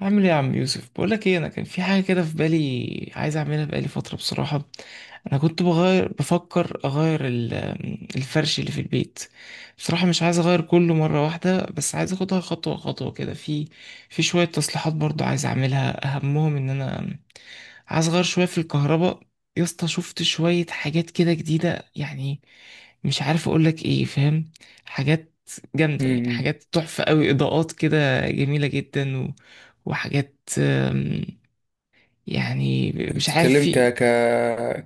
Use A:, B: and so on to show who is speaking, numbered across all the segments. A: عامل ايه يا عم يوسف؟ بقولك ايه، انا كان في حاجه كده في بالي عايز اعملها بقالي فتره بصراحه. انا كنت بفكر اغير الفرش اللي في البيت. بصراحه مش عايز اغير كله مره واحده، بس عايز اخدها خطوه خطوه كده. في شويه تصليحات برضو عايز اعملها، اهمهم ان انا عايز اغير شويه في الكهرباء. يا اسطى، شفت شويه حاجات كده جديده يعني، مش عارف اقولك ايه، فاهم؟ حاجات جامدة يعني،
B: امم
A: حاجات تحفة قوي، إضاءات كده جميلة جدا وحاجات. يعني مش عارف،
B: بتتكلم
A: في
B: ك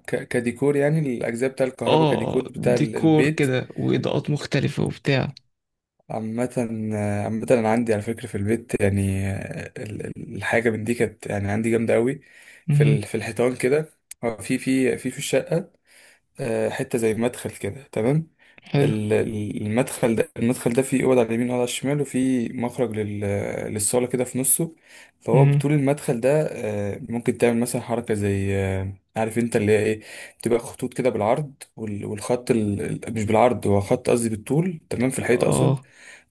B: ك- كديكور، يعني الاجزاء بتاع الكهرباء
A: اه
B: كديكور بتاع
A: ديكور
B: البيت
A: كده وإضاءات مختلفة وبتاع.
B: عامة. عامة انا عندي على فكرة في البيت، يعني الحاجة من دي كانت يعني عندي جامدة قوي في
A: مهم.
B: في الحيطان كده. هو في الشقة حتة زي مدخل كده، تمام.
A: حلو.
B: المدخل ده، المدخل ده فيه اوض على اليمين واوضه على الشمال، وفيه مخرج للصاله كده في نصه. فهو
A: مهم.
B: بطول المدخل ده، ممكن تعمل مثلا حركه زي، عارف انت اللي هي ايه، تبقى خطوط كده بالعرض والخط مش بالعرض، هو خط قصدي بالطول، تمام، في الحيط اقصد،
A: اه.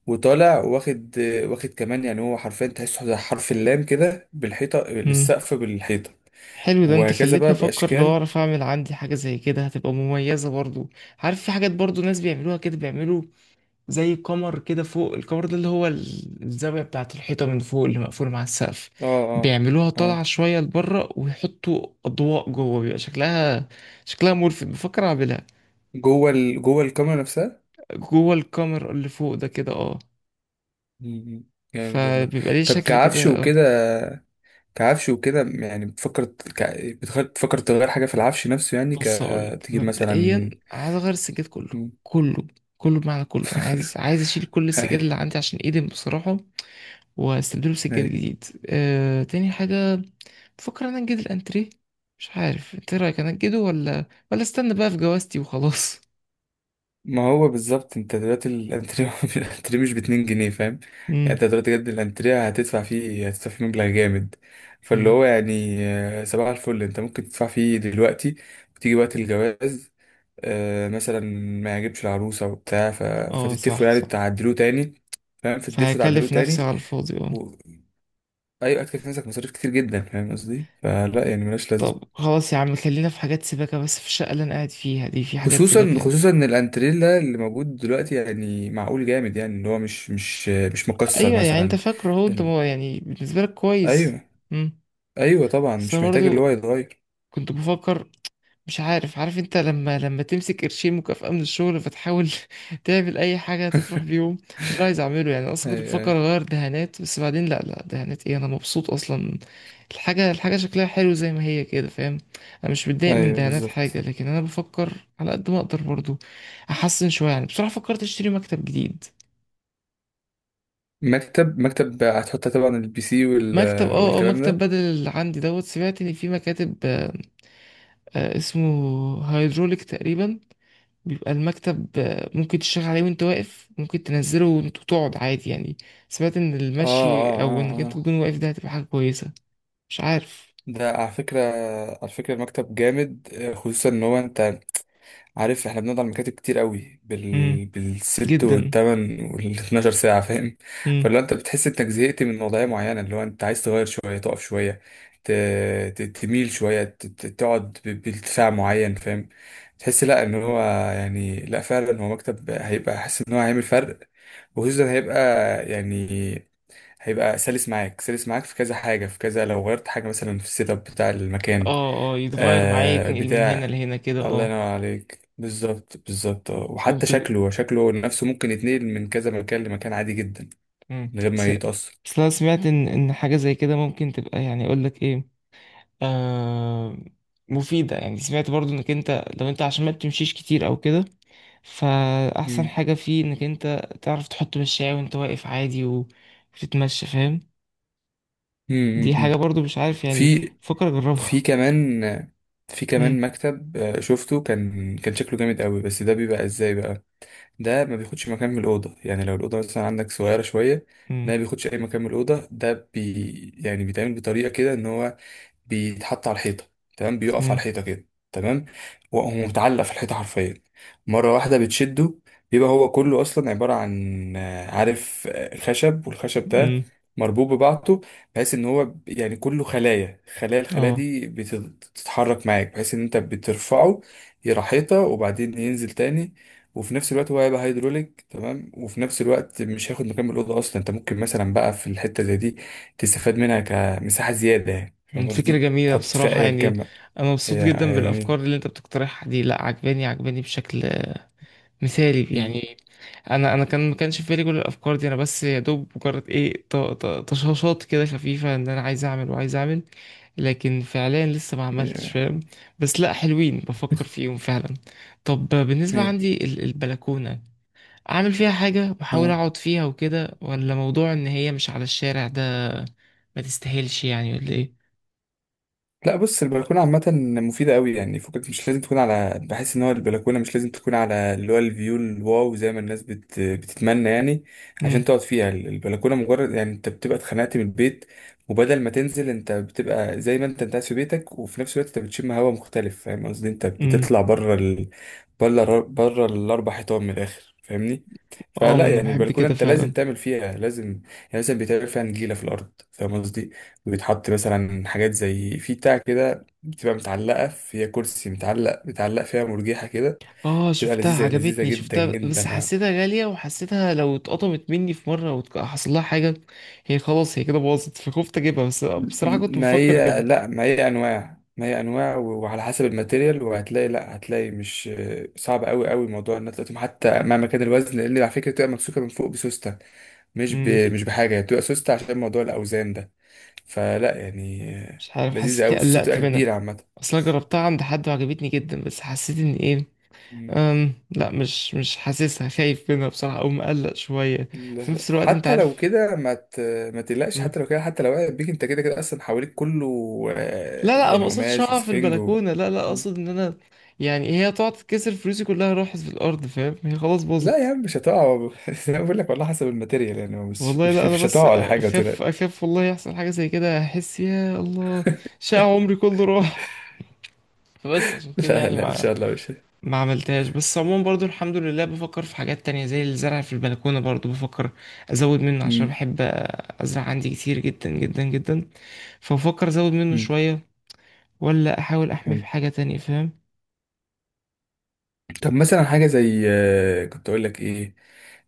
B: وطالع واخد، واخد كمان، يعني هو حرفيا تحسه زي حرف اللام كده، بالحيطه
A: مم.
B: للسقف بالحيطه،
A: حلو، ده انت
B: وهكذا
A: خليتني
B: بقى
A: افكر، لو
B: باشكال.
A: اعرف اعمل عندي حاجة زي كده هتبقى مميزة برضو. عارف في حاجات برضو ناس بيعملوها كده، بيعملوا زي قمر كده فوق، القمر ده اللي هو الزاوية بتاعة الحيطة من فوق اللي مقفول مع السقف،
B: اه اه
A: بيعملوها طالعة
B: اه
A: شوية لبره ويحطوا أضواء جوه، بيبقى شكلها ملفت، بفكر أعملها.
B: جوه جوه الكاميرا نفسها.
A: جوه الكاميرا اللي فوق ده كده، اه.
B: مم. جامد والله.
A: فبيبقى ليه
B: طب
A: شكل
B: كعفش
A: كده، اه.
B: وكده، كعفش وكده يعني بتفكر بتفكر تغير حاجة في العفش نفسه، يعني ك،
A: بص هقولك
B: تجيب
A: مبدئيا،
B: مثلا.
A: عايز اغير السجاد كله،
B: مم.
A: كله، كله، بمعنى كله. أنا عايز اشيل كل السجاد اللي
B: ايوه،
A: عندي عشان ايدم بصراحة، واستبدله بسجاد
B: ايوه،
A: جديد. تاني حاجة، بفكر انا انجد الانتريه، مش عارف انت إيه رايك؟ انا انجده ولا استنى بقى في جوازتي وخلاص.
B: ما هو بالظبط انت دلوقتي الانتريه الانتريه مش باتنين جنيه، فاهم؟ يعني انت
A: امم.
B: دلوقتي بجد الانتريه هتدفع فيه مبلغ جامد. فاللي
A: امم.
B: هو يعني، صباح الفل، انت ممكن تدفع فيه دلوقتي، وتيجي وقت الجواز، مثلا ما يعجبش العروسة وبتاع
A: اه،
B: فتتفقوا
A: صح
B: يعني
A: صح.
B: تعدلوه تاني، فاهم، فتتفقوا تعدلوه
A: فهكلف نفسي
B: تاني
A: على الفاضي، اه.
B: و... أيوة، أكتب في نفسك مصاريف كتير جدا، فاهم قصدي؟ فلا يعني ملهاش لازمة.
A: طب خلاص يا عم، خلينا في حاجات سباكة بس، في الشقة اللي أنا قاعد فيها دي في حاجات
B: خصوصا
A: سباكة.
B: خصوصا إن الانتريلا اللي موجود دلوقتي يعني معقول، جامد يعني، اللي هو مش مكسر
A: ايوه، يعني انت
B: مثلا.
A: فاكره هو انت
B: ال...
A: يعني بالنسبه لك كويس.
B: أيوة،
A: امم.
B: أيوة طبعا،
A: بس انا
B: مش محتاج اللي هو
A: برضو
B: يتغير.
A: كنت بفكر، مش عارف، عارف انت لما تمسك قرشين مكافأة من الشغل فتحاول تعمل اي حاجه تفرح بيهم ده، اللي عايز اعمله يعني. انا اصلا كنت
B: أيوة،
A: بفكر
B: أيوة
A: اغير دهانات، بس بعدين لا، لا دهانات ايه، انا مبسوط اصلا. الحاجه شكلها حلو زي ما هي كده، فاهم؟ انا مش متضايق من
B: أيوة
A: دهانات
B: بالظبط.
A: حاجه، لكن انا بفكر على قد ما اقدر برضو احسن شويه، يعني بصراحه فكرت اشتري مكتب جديد.
B: مكتب، مكتب هتحط طبعا البي سي
A: مكتب،
B: والكلام
A: مكتب
B: ده.
A: بدل اللي عندي دوت. سمعت ان في مكاتب، اسمه هيدروليك تقريبا، بيبقى المكتب، ممكن تشتغل عليه وانت واقف، ممكن تنزله وانت تقعد عادي يعني. سمعت ان
B: اه
A: المشي
B: اه
A: او انك
B: اه
A: انت تكون
B: آه.
A: واقف ده هتبقى حاجة كويسة، مش عارف.
B: ده على فكرة، على فكرة المكتب جامد، خصوصا ان هو انت عارف احنا بنقعد على المكاتب كتير قوي
A: امم.
B: بالست
A: جدا.
B: والتمن والاتناشر ساعة، فاهم؟
A: امم.
B: فلو انت بتحس انك زهقت من وضعية معينة، اللي هو انت عايز تغير شوية، تقف شوية، ت... تميل شوية، تقعد بارتفاع معين، فاهم؟ تحس لا ان هو يعني، لا فعلا هو مكتب هيبقى، حاسس ان هو هيعمل فرق. وخصوصا هيبقى يعني، هيبقى سلس معاك، سلس معاك في كذا حاجة، في كذا لو غيرت حاجة مثلا في السيت اب بتاع المكان،
A: اه اه، يتغير معايا،
B: آه،
A: يتنقل من هنا
B: بتاع.
A: لهنا كده،
B: الله
A: اه.
B: ينور عليك، بالظبط بالظبط، آه. وحتى
A: كنت
B: شكله، شكله نفسه ممكن يتنقل من كذا مكان لمكان عادي جدا،
A: امم
B: من غير ما
A: س...
B: يتأثر.
A: بس أنا سمعت ان حاجة زي كده ممكن تبقى، يعني اقول لك ايه، آه، مفيدة يعني. سمعت برضو انك انت، لو انت عشان ما بتمشيش كتير او كده، فأحسن
B: مم.
A: حاجة فيه انك انت تعرف تحط مشاية وانت واقف عادي، و- وتتمشى، فاهم؟ دي
B: مم.
A: حاجة
B: مم.
A: برضو مش عارف يعني،
B: في
A: فكر
B: في
A: اجربها.
B: كمان في
A: مم.
B: كمان مكتب، شفته كان شكله جامد قوي، بس ده بيبقى ازاي بقى؟ ده ما بياخدش مكان من الأوضة، يعني لو الأوضة مثلا عندك صغيرة شوية، ده
A: مم.
B: ما بياخدش أي مكان من الأوضة. ده بي يعني بيتعمل بطريقة كده إن هو بيتحط على الحيطة، تمام، بيقف على
A: مم.
B: الحيطة كده، تمام. وهو متعلق في الحيطة حرفيا، مرة واحدة بتشده، بيبقى هو كله أصلا عبارة عن، عارف، خشب، والخشب ده
A: مم.
B: مربوط ببعضه، بحيث ان هو يعني كله خلايا خلايا، الخلايا
A: اه.
B: دي بتتحرك معاك، بحيث ان انت بترفعه، يروح حيطة وبعدين ينزل تاني. وفي نفس الوقت هو هيبقى هيدروليك، تمام، وفي نفس الوقت مش هياخد مكان من الأوضة أصلا، أنت ممكن مثلا بقى في الحتة زي دي تستفاد منها كمساحة زيادة، يعني
A: مم،
B: فاهم
A: فكرة
B: قصدي؟
A: جميلة
B: تحط فيها
A: بصراحة
B: أيا
A: يعني،
B: كان بقى.
A: انا مبسوط
B: هي
A: جدا
B: هي
A: بالافكار
B: جميلة.
A: اللي انت بتقترحها دي، لا عجباني بشكل مثالي
B: مم.
A: يعني. انا كان ما كانش في بالي كل الافكار دي، انا بس يا دوب مجرد ايه، طشاشات كده خفيفه، ان انا عايز اعمل وعايز اعمل، لكن فعليا لسه ما عملتش
B: إيه.
A: فاهم. بس لا، حلوين، بفكر فيهم فعلا. طب بالنسبه
B: إيه.
A: عندي البلكونه، اعمل فيها حاجه واحاول
B: اه.
A: اقعد فيها وكده، ولا موضوع ان هي مش على الشارع ده ما تستاهلش يعني؟ ولا ايه؟
B: لا بص، البلكونه عامه مفيده قوي، يعني فكك مش لازم تكون على، بحس ان هو البلكونه مش لازم تكون على اللي هو الفيو الواو زي ما الناس بتتمنى يعني
A: امم.
B: عشان تقعد فيها. البلكونه مجرد يعني انت بتبقى اتخنقت من البيت، وبدل ما تنزل، انت بتبقى زي ما انت قاعد في بيتك، وفي نفس الوقت انت بتشم هواء مختلف، فاهم قصدي؟ انت
A: امم.
B: بتطلع بره بره، الاربع حيطان من الاخر، فاهمني؟
A: اه، ما
B: فلا
A: انا
B: يعني
A: بحب
B: البلكونه
A: كده
B: انت لازم
A: فعلا.
B: تعمل فيها، لازم يعني، لازم بيتعمل فيها نجيله في الارض، فاهم قصدي؟ بيتحط مثلا حاجات زي في بتاع كده، بتبقى متعلقة فيها كرسي متعلق، بيتعلق فيها مرجيحة كده،
A: اه،
B: بتبقى
A: شفتها
B: لذيذة، لذيذة
A: عجبتني،
B: جدا
A: شفتها
B: جدا،
A: بس
B: أنا-
A: حسيتها غالية، وحسيتها لو اتقطمت مني في مرة وحصل لها حاجة، هي خلاص، هي كده باظت، فخفت اجيبها، بس بصراحة كنت
B: ما
A: بفكر
B: هي
A: اجيبها.
B: لا، ما هي أنواع، ما هي أنواع وعلى حسب الماتيريال، وهتلاقي لا هتلاقي مش صعب أوي أوي موضوع إن أنت تقوم حتى مع مكان الوزن، لأن على فكرة بتبقى ممسوكة من فوق بسوستة، مش ب...
A: امم.
B: مش بحاجة، هي بتبقى سوستة عشان موضوع الأوزان ده، فلا يعني،
A: مش عارف،
B: لذيذة أوي،
A: حسيتني
B: السوستة
A: قلقت
B: بتبقى كبيرة.
A: منها، اصلا جربتها عند حد وعجبتني جدا، بس حسيت ان ايه،
B: عامة
A: لا، مش حاسسها، خايف منها بصراحة او مقلق شوية. في نفس الوقت انت
B: حتى لو
A: عارف.
B: كده ما تقلقش،
A: مم.
B: حتى لو كده، حتى لو وقعت بيك، انت كده كده اصلا حواليك كله،
A: لا لا، انا ما
B: يعني
A: قصدش
B: قماش
A: اقع في
B: وسفنج و...
A: البلكونة، لا لا، اقصد ان انا يعني هي تقعد تكسر، فلوسي كلها راحت في الارض فاهم، هي خلاص
B: لا
A: باظت.
B: يا عم مش هتقع انا بقول لك والله، حسب الماتيريال يعني، مش
A: والله
B: مش
A: لا، انا
B: مش
A: بس
B: هتقع ولا حاجه،
A: اخاف،
B: وتقلق.
A: اخاف والله يحصل حاجه زي كده احس يا الله شقى عمري كله راح. فبس عشان كده
B: لا
A: يعني
B: لا ان
A: ما
B: شاء الله مش.
A: ما عملتهاش. بس عموما برضو الحمد لله، بفكر في حاجات تانية زي الزرع في البلكونه، برضو بفكر ازود منه، عشان
B: مم.
A: بحب ازرع عندي كتير جدا جدا جدا، فبفكر ازود منه
B: مم.
A: شويه، ولا احاول احميه
B: حلو.
A: بحاجه تانية، فاهم.
B: طب مثلا حاجه زي، كنت اقول لك ايه،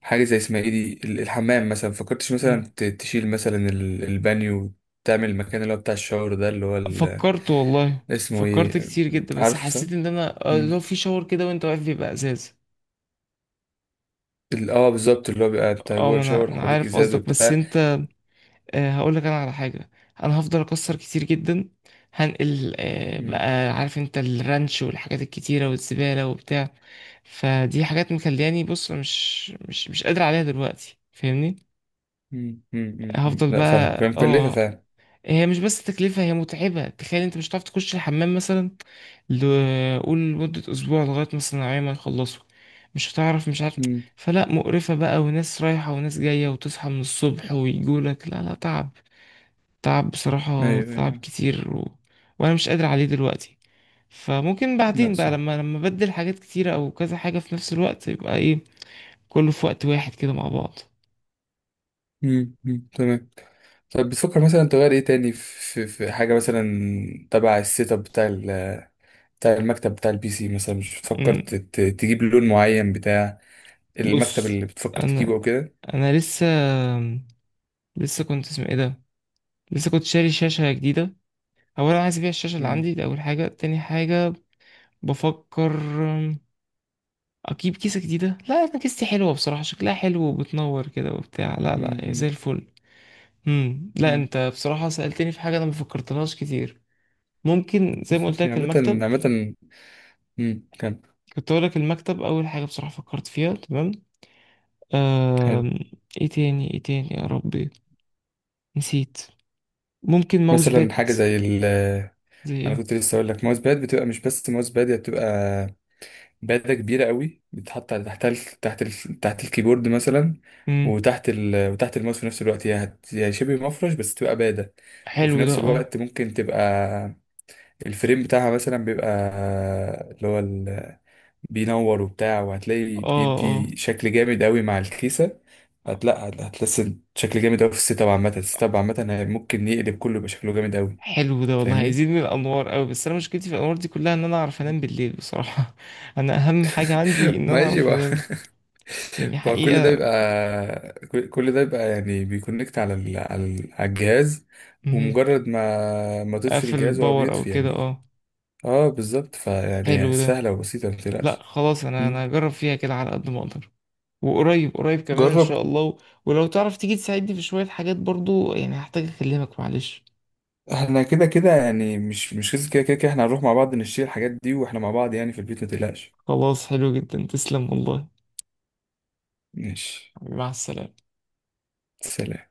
B: حاجه زي اسمها ايه دي، الحمام مثلا، فكرتش
A: مم.
B: مثلا تشيل مثلا البانيو، تعمل المكان اللي هو بتاع الشاور ده، اللي هو
A: فكرت والله،
B: اسمه
A: فكرت
B: ايه؟
A: كتير جدا، بس
B: عارف، صح.
A: حسيت ان انا، لو
B: مم.
A: في شاور كده وانت واقف بيبقى ازاز.
B: اه بالظبط، اللي هو بيبقى انت
A: اه،
B: جوه
A: ما انا
B: الشاور
A: انا
B: حواليك
A: عارف
B: ازاز
A: قصدك، بس
B: وبتاع.
A: انت، هقول لك انا على حاجه، انا هفضل اكسر كتير جدا، هنقل،
B: مم.
A: بقى عارف انت الرانش والحاجات الكتيره والزباله وبتاع، فدي حاجات مخلياني، بص مش قادر عليها دلوقتي فاهمني. هفضل
B: لا فاهم، فاهم،
A: بقى،
B: مكلفة
A: اه.
B: فعلا.
A: هي مش بس تكلفه، هي متعبه، تخيل انت مش هتعرف تخش الحمام مثلا، قول لمده اسبوع لغايه مثلا العيال ما يخلصوا، مش هتعرف، مش عارف.
B: مم.
A: فلا، مقرفه بقى، وناس رايحه وناس جايه، وتصحى من الصبح ويجولك لا لا، تعب، تعب بصراحة،
B: ايوه، ايوه،
A: تعب
B: أيوة.
A: كتير و... وأنا مش قادر عليه دلوقتي. فممكن
B: لا
A: بعدين بقى
B: صح.
A: لما أبدل حاجات كتيرة أو كذا حاجة في نفس الوقت يبقى إيه، كله في وقت واحد كده مع بعض.
B: تمام. طب بتفكر مثلا تغير ايه تاني في حاجة مثلا تبع السيت اب بتاع بتاع المكتب، بتاع البي سي مثلا؟ مش بتفكر
A: أمم،
B: تجيب لون معين بتاع المكتب
A: بص،
B: اللي بتفكر تجيبه
A: أنا
B: او كده؟
A: أنا لسه كنت، اسمه إيه ده، لسه كنت شاري شاشة جديدة. أولا عايز أبيع الشاشة اللي
B: مم.
A: عندي دي أول حاجة، تاني حاجة بفكر أم، أجيب كيسة جديدة، لا أنا كيستي حلوة بصراحة، شكلها حلو وبتنور كده وبتاع، لا لا
B: مم.
A: هي زي
B: مم.
A: الفل. امم. لا
B: مم.
A: انت بصراحة سألتني في حاجة انا ما فكرتلهاش كتير، ممكن زي ما قلت لك
B: عامة،
A: المكتب،
B: عامة. كان،
A: كنت اقول لك المكتب اول حاجة بصراحة فكرت فيها، تمام.
B: كان
A: آم... ايه تاني، ايه تاني يا ربي، نسيت. ممكن ماوس
B: مثلا
A: باد.
B: حاجة زي ال،
A: زي
B: انا
A: ايه؟
B: كنت لسه اقول لك، ماوس باد. بتبقى مش بس ماوس باد، هي بتبقى باده كبيره قوي، بتتحط على تحت تحت الكيبورد مثلا،
A: امم.
B: وتحت وتحت الماوس في نفس الوقت. هي شبه مفرش، بس تبقى باده. وفي
A: حلو ده.
B: نفس
A: اه
B: الوقت ممكن تبقى الفريم بتاعها مثلا بيبقى اللي هو بينور وبتاع، وهتلاقي
A: اه اه.
B: بيدي شكل جامد قوي مع الكيسه. هتحس شكل جامد قوي في السيت اب عامه، السيت اب عامه ممكن يقلب كله، يبقى شكله جامد قوي.
A: حلو ده والله،
B: فاهمني؟
A: هيزيد من الانوار قوي، بس انا مشكلتي في الانوار دي كلها ان انا اعرف انام بالليل بصراحة. انا اهم حاجة عندي ان انا
B: ماشي
A: اعرف
B: بقى.
A: انام، يعني
B: فكل ده
A: حقيقة.
B: بيبقى، كل ده بيبقى يعني بيكونكت على على الجهاز،
A: مهم.
B: ومجرد ما تطفي
A: اقفل
B: الجهاز هو
A: الباور او
B: بيطفي
A: كده،
B: يعني.
A: اه.
B: اه بالظبط، فيعني
A: حلو ده.
B: سهلة وبسيطة، ما
A: لا
B: تقلقش.
A: خلاص، انا
B: مم.
A: انا هجرب فيها كده على قد ما اقدر، وقريب قريب كمان ان
B: جرب.
A: شاء الله و... ولو تعرف تيجي تساعدني في شوية حاجات برضو يعني، هحتاج اكلمك، معلش.
B: احنا كده كده يعني، مش مش كده كده كده كده احنا هنروح مع بعض نشتري الحاجات دي واحنا مع بعض يعني في البيت، ما تقلقش.
A: خلاص، حلو جدا، تسلم والله.
B: ماشي.
A: مع السلامة.
B: سلام.